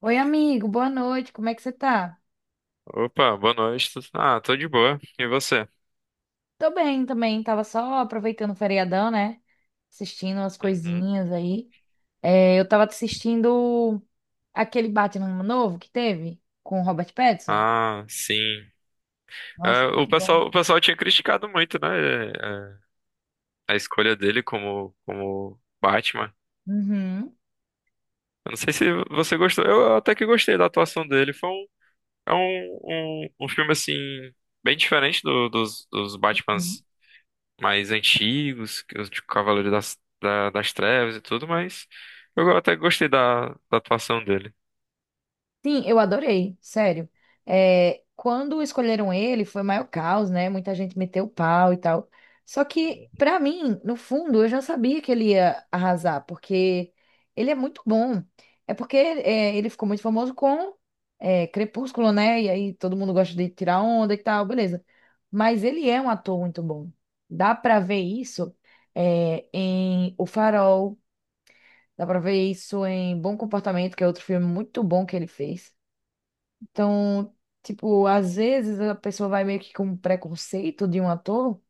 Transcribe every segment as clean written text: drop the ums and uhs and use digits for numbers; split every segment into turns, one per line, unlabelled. Oi, amigo, boa noite, como é que você tá?
Opa, boa noite. Tô de boa. E você?
Tô bem também, tava só aproveitando o feriadão, né? Assistindo umas
Uhum.
coisinhas aí. É, eu tava assistindo aquele Batman novo que teve com o Robert Pattinson.
Ah, sim.
Nossa,
É, o
muito bom.
pessoal, o pessoal tinha criticado muito, né? é, a escolha dele como, como Batman.
Uhum.
Eu não sei se você gostou. Eu até que gostei da atuação dele. Foi um, é um, um, Um filme, assim, bem diferente dos Batmans mais antigos, que os de Cavaleiro das Trevas e tudo, mas eu até gostei da atuação dele.
Sim, eu adorei, sério. É, quando escolheram ele, foi o maior caos, né? Muita gente meteu o pau e tal. Só que, pra mim, no fundo, eu já sabia que ele ia arrasar, porque ele é muito bom. É porque ele ficou muito famoso com Crepúsculo, né? E aí todo mundo gosta de tirar onda e tal, beleza. Mas ele é um ator muito bom. Dá pra ver isso em O Farol, dá pra ver isso em Bom Comportamento, que é outro filme muito bom que ele fez. Então, tipo, às vezes a pessoa vai meio que com um preconceito de um ator,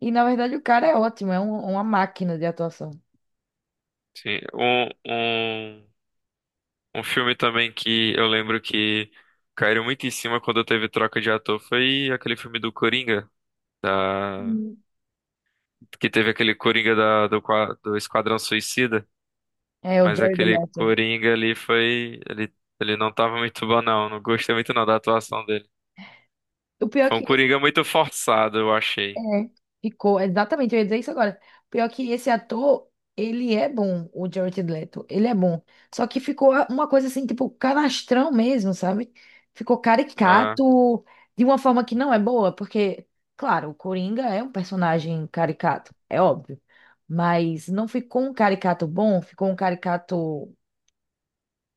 e na verdade o cara é ótimo, é uma máquina de atuação.
Sim, um, um- Um filme também que eu lembro que caíram muito em cima quando teve troca de ator foi aquele filme do Coringa, da...
Hum.
que teve aquele Coringa do Esquadrão Suicida,
É o
mas
Jared
aquele
Leto.
Coringa ali foi. Ele não tava muito bom, não. Não gostei muito não da atuação dele.
O pior é
Foi um
que
Coringa muito forçado, eu achei.
é, ficou, exatamente, eu ia dizer isso agora. Pior que esse ator, ele é bom, o Jared Leto, ele é bom. Só que ficou uma coisa assim, tipo, canastrão mesmo, sabe? Ficou
Ah,
caricato de uma forma que não é boa, porque, claro, o Coringa é um personagem caricato, é óbvio. Mas não ficou um caricato bom, ficou um caricato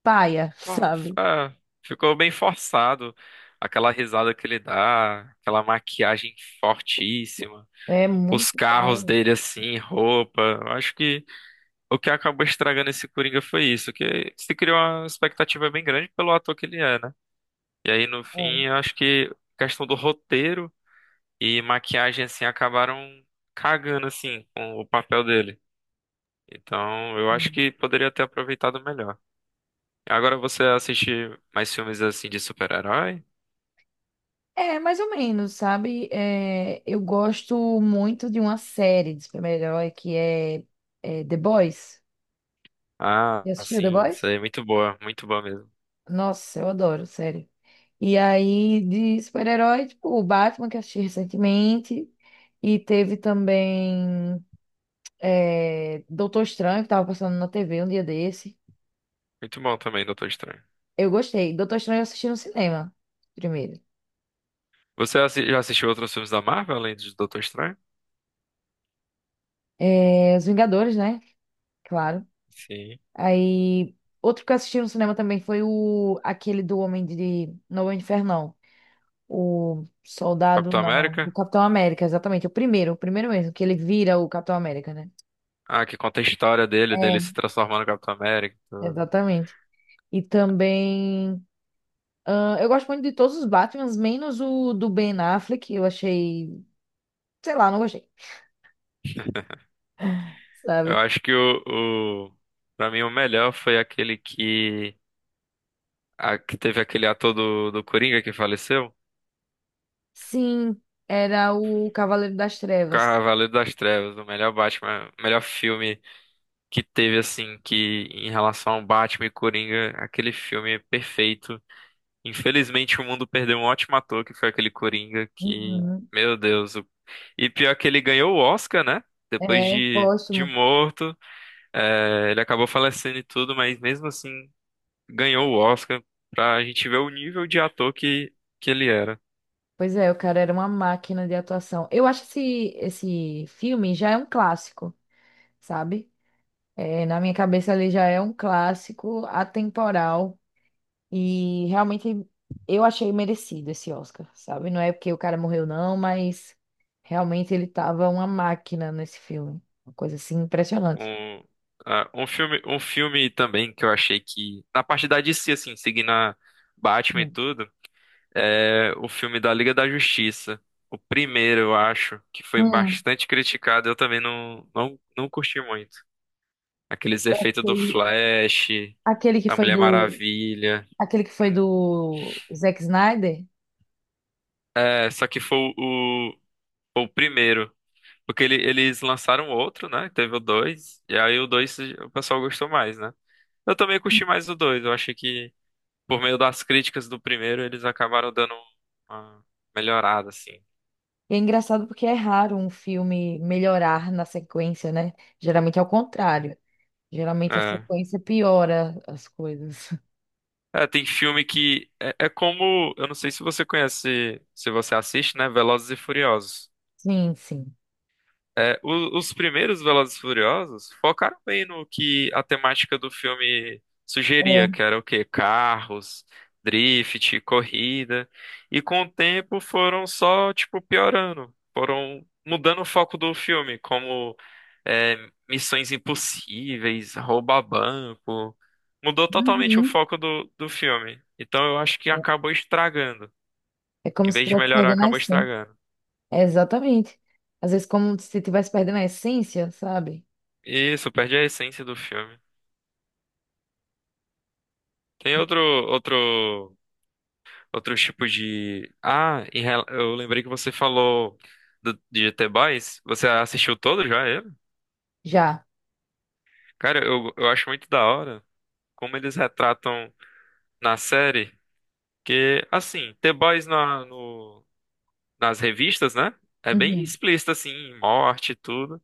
paia,
ó, f-
sabe?
ah, Ficou bem forçado. Aquela risada que ele dá, aquela maquiagem fortíssima.
É
Os
muito
carros
paia.
dele assim, roupa. Eu acho que o que acabou estragando esse Coringa foi isso, que se criou uma expectativa bem grande pelo ator que ele é, né? E aí no fim, eu acho que questão do roteiro e maquiagem assim acabaram cagando assim com o papel dele. Então, eu acho
É.
que poderia ter aproveitado melhor. Agora você assiste mais filmes assim de super-herói?
É, mais ou menos, sabe? É, eu gosto muito de uma série de super-herói que é, é The Boys.
Ah,
Já assistiu The
sim. Isso
Boys?
aí é muito boa mesmo.
Nossa, eu adoro, sério. E aí, de super-herói, tipo, o Batman, que eu assisti recentemente. E teve também Doutor Estranho, que tava passando na TV um dia desse.
Muito bom também, Doutor Estranho.
Eu gostei. Doutor Estranho eu assisti no cinema, primeiro.
Já assistiu outros filmes da Marvel além de Doutor Estranho?
É, Os Vingadores, né? Claro.
Sim.
Aí, outro que eu assisti no cinema também foi o aquele do Homem de. Não, Homem de Ferro, não. O Soldado,
Capitão
não. O
América?
Capitão América, exatamente. O primeiro mesmo, que ele vira o Capitão América, né?
Ah, que conta a história dele, dele
É,
se transformando no Capitão América e tudo.
exatamente. E também. Ah, eu gosto muito de todos os Batmans, menos o do Ben Affleck. Eu achei. Sei lá, não gostei.
Eu
Sabe?
acho que o... Pra mim, o melhor foi aquele que... Que teve aquele ator do Coringa que faleceu.
Sim, era o Cavaleiro das Trevas.
Cavaleiro das Trevas, o melhor Batman, o melhor filme que teve, assim, que em relação ao Batman e Coringa, aquele filme é perfeito. Infelizmente, o mundo perdeu um ótimo ator, que foi aquele Coringa,
Uhum.
meu Deus. E pior que ele ganhou o Oscar, né? Depois
É,
de
próximo.
morto. É, ele acabou falecendo e tudo, mas mesmo assim ganhou o Oscar pra gente ver o nível de ator que ele era.
Pois é, o cara era uma máquina de atuação. Esse filme já é um clássico, sabe? É, na minha cabeça ele já é um clássico atemporal e realmente eu achei merecido esse Oscar, sabe? Não é porque o cara morreu não, mas realmente ele tava uma máquina nesse filme. Uma coisa assim impressionante.
Um, Um filme também que eu achei que, na parte da DC, assim, seguindo a Batman e
Hum.
tudo, é o filme da Liga da Justiça. O primeiro, eu acho, que foi
Hum.
bastante criticado, eu também não curti muito. Aqueles efeitos do
Aquele
Flash,
aquele que
da
foi
Mulher
do
Maravilha.
aquele que foi do Zack Snyder.
É, só que foi o primeiro. Porque eles lançaram outro, né? Teve o dois. E aí o 2 o pessoal gostou mais, né? Eu também curti mais o 2. Eu achei que, por meio das críticas do primeiro, eles acabaram dando uma melhorada, assim.
E é engraçado porque é raro um filme melhorar na sequência, né? Geralmente é o contrário. Geralmente a
É.
sequência piora as coisas.
É, tem filme que. É, é como. Eu não sei se você conhece, se você assiste, né? Velozes e Furiosos.
Sim, sim.
É, os primeiros Velozes e Furiosos focaram bem no que a temática do filme sugeria,
É.
que era o quê? Carros, drift, corrida. E com o tempo foram só, tipo, piorando. Foram mudando o foco do filme, como é, missões impossíveis, roubar banco. Mudou totalmente o
Uhum.
foco do filme. Então eu acho que acabou estragando.
É como
Em
se
vez de
estivesse
melhorar,
perdendo a
acabou
essência.
estragando.
É, exatamente. Às vezes, como se estivesse perdendo a essência, sabe?
Isso, perde a essência do filme. Tem outro, outro, outro tipo de. Eu lembrei que você falou de GT Boys. Você assistiu todo já ele?
Já.
Cara, eu acho muito da hora como eles retratam na série. Que, assim, The Boys na, no, nas revistas, né? É bem
Uhum.
explícito, assim, morte e tudo.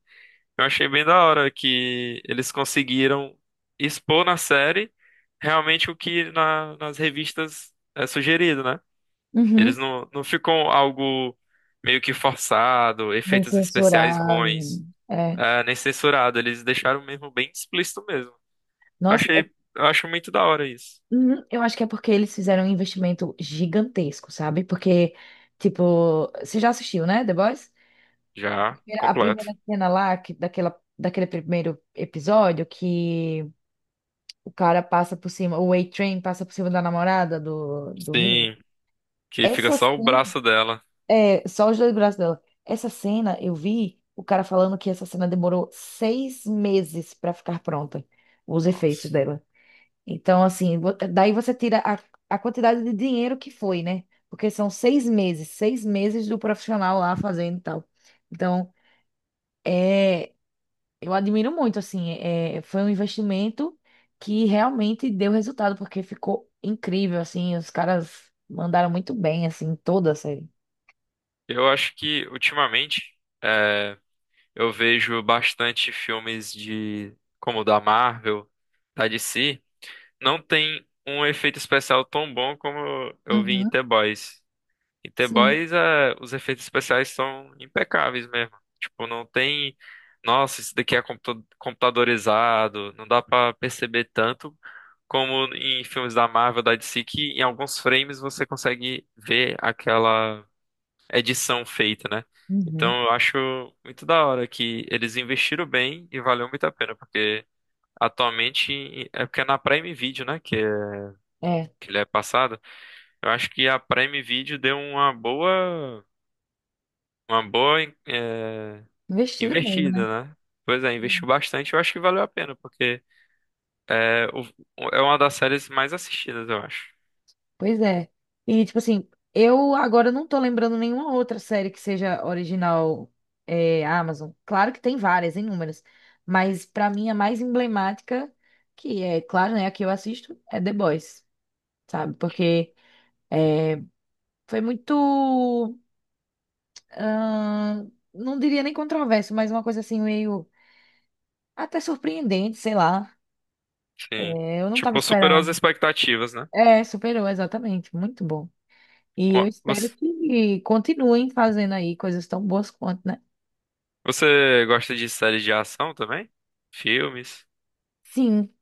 Eu achei bem da hora que eles conseguiram expor na série realmente o que nas revistas é sugerido, né?
Uhum.
Eles não ficam algo meio que forçado,
Bem
efeitos especiais
censurado.
ruins,
É.
nem censurado. Eles deixaram mesmo bem explícito mesmo.
Nossa, é-
Eu acho muito da hora isso.
uhum. Eu acho que é porque eles fizeram um investimento gigantesco, sabe? Porque, tipo, você já assistiu, né, The Boys?
Já,
A
completo.
primeira cena lá, que, daquela, daquele primeiro episódio, que o cara passa por cima, o A-Train passa por cima da namorada do, do Rio.
Sim, que fica
Essa
só o
cena,
braço dela.
é, só os dois braços dela. Essa cena, eu vi o cara falando que essa cena demorou seis meses para ficar pronta, os efeitos
Nossa.
dela. Então, assim, daí você tira a quantidade de dinheiro que foi, né? Porque são seis meses do profissional lá fazendo e tal. Então, é. Eu admiro muito, assim, é, foi um investimento que realmente deu resultado, porque ficou incrível, assim, os caras mandaram muito bem, assim, em toda a série.
Eu acho que ultimamente eu vejo bastante filmes de como o da Marvel, da DC. Não tem um efeito especial tão bom como eu vi em
Uhum,
The Boys. E The
sim,
Boys, é, os efeitos especiais são impecáveis mesmo. Tipo, não tem. Nossa, isso daqui é computadorizado. Não dá pra perceber tanto como em filmes da Marvel, da DC, que em alguns frames você consegue ver aquela edição feita, né?
Uhum.
Então eu acho muito da hora que eles investiram bem e valeu muito a pena, porque atualmente é porque é na Prime Video, né?
É,
Que ele é passado. Eu acho que a Prime Video deu uma boa. Uma boa, eh,
investido, bem, né?
Investida, né? Pois é, investiu bastante, eu acho que valeu a pena, porque é, o- é uma das séries mais assistidas, eu acho.
Pois é. E, tipo assim, eu agora não tô lembrando nenhuma outra série que seja original, é, Amazon. Claro que tem várias, inúmeras, mas pra mim a mais emblemática, que é, claro, né, a que eu assisto, é The Boys, sabe? Porque é, foi muito, ah, não diria nem controverso, mas uma coisa assim meio até surpreendente, sei lá.
Sim.
É, eu não estava
Tipo, superou as
esperando.
expectativas, né?
É, superou, exatamente. Muito bom. E
Ó,
eu espero
Você,
que continuem fazendo aí coisas tão boas quanto, né?
Você gosta de séries de ação também? Filmes?
Sim.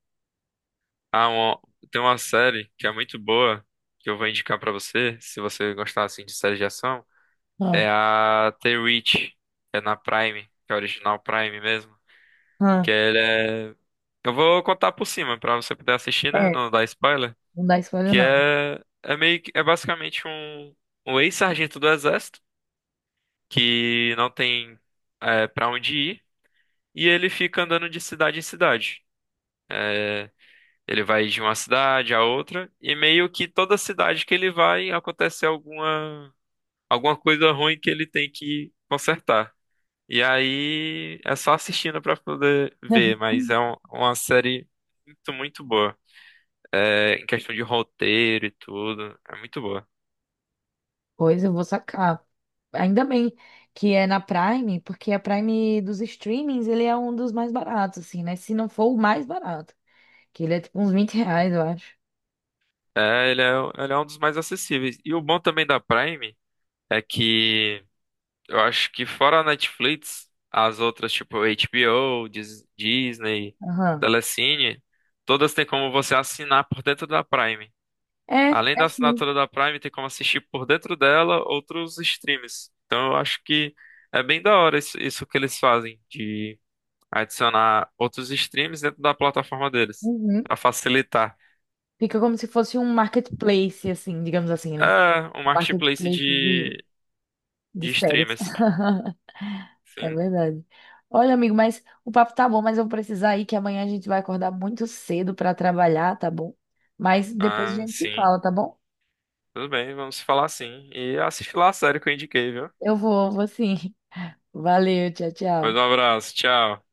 Ah, uma- Tem uma série que é muito boa, que eu vou indicar pra você, se você gostar assim de séries de ação,
Ah,
é a The Reach, que é na Prime, que é original Prime mesmo, que
ah.
ela é. Eu vou contar por cima pra você poder assistir, né?
É,
Não dar spoiler.
não dá spoiler,
Que
não.
é, é meio que é basicamente um ex-sargento do exército que não tem para onde ir e ele fica andando de cidade em cidade. É, Ele vai de uma cidade a outra e meio que toda cidade que ele vai acontece alguma coisa ruim que ele tem que consertar. E aí é só assistindo pra poder ver, mas é uma série muito, muito boa. Em questão de roteiro e tudo. É muito boa.
Pois eu vou sacar. Ainda bem que é na Prime, porque a Prime dos streamings, ele é um dos mais baratos, assim, né? Se não for o mais barato, que ele é tipo uns R$ 20, eu acho.
É, ele é, Ele é um dos mais acessíveis. E o bom também da Prime é que eu acho que fora a Netflix, as outras, tipo HBO, Disney,
Aham.
Telecine, todas têm como você assinar por dentro da Prime.
É,
Além
é
da
sim.
assinatura da Prime, tem como assistir por dentro dela outros streams. Então eu acho que é bem da hora isso, isso que eles fazem, de adicionar outros streams dentro da plataforma deles,
Uhum.
para facilitar.
Fica como se fosse um marketplace, assim, digamos assim, né?
Ah, um marketplace
Marketplace de
de
séries.
streamers.
É
Sim.
verdade. Olha, amigo, mas o papo tá bom, mas eu vou precisar ir, que amanhã a gente vai acordar muito cedo pra trabalhar, tá bom? Mas depois a
Ah,
gente se
sim.
fala, tá bom?
Tudo bem, vamos falar sim. E assiste lá a série que eu indiquei, viu?
Eu vou, vou sim. Valeu, tchau,
Pois
tchau.
um abraço, tchau.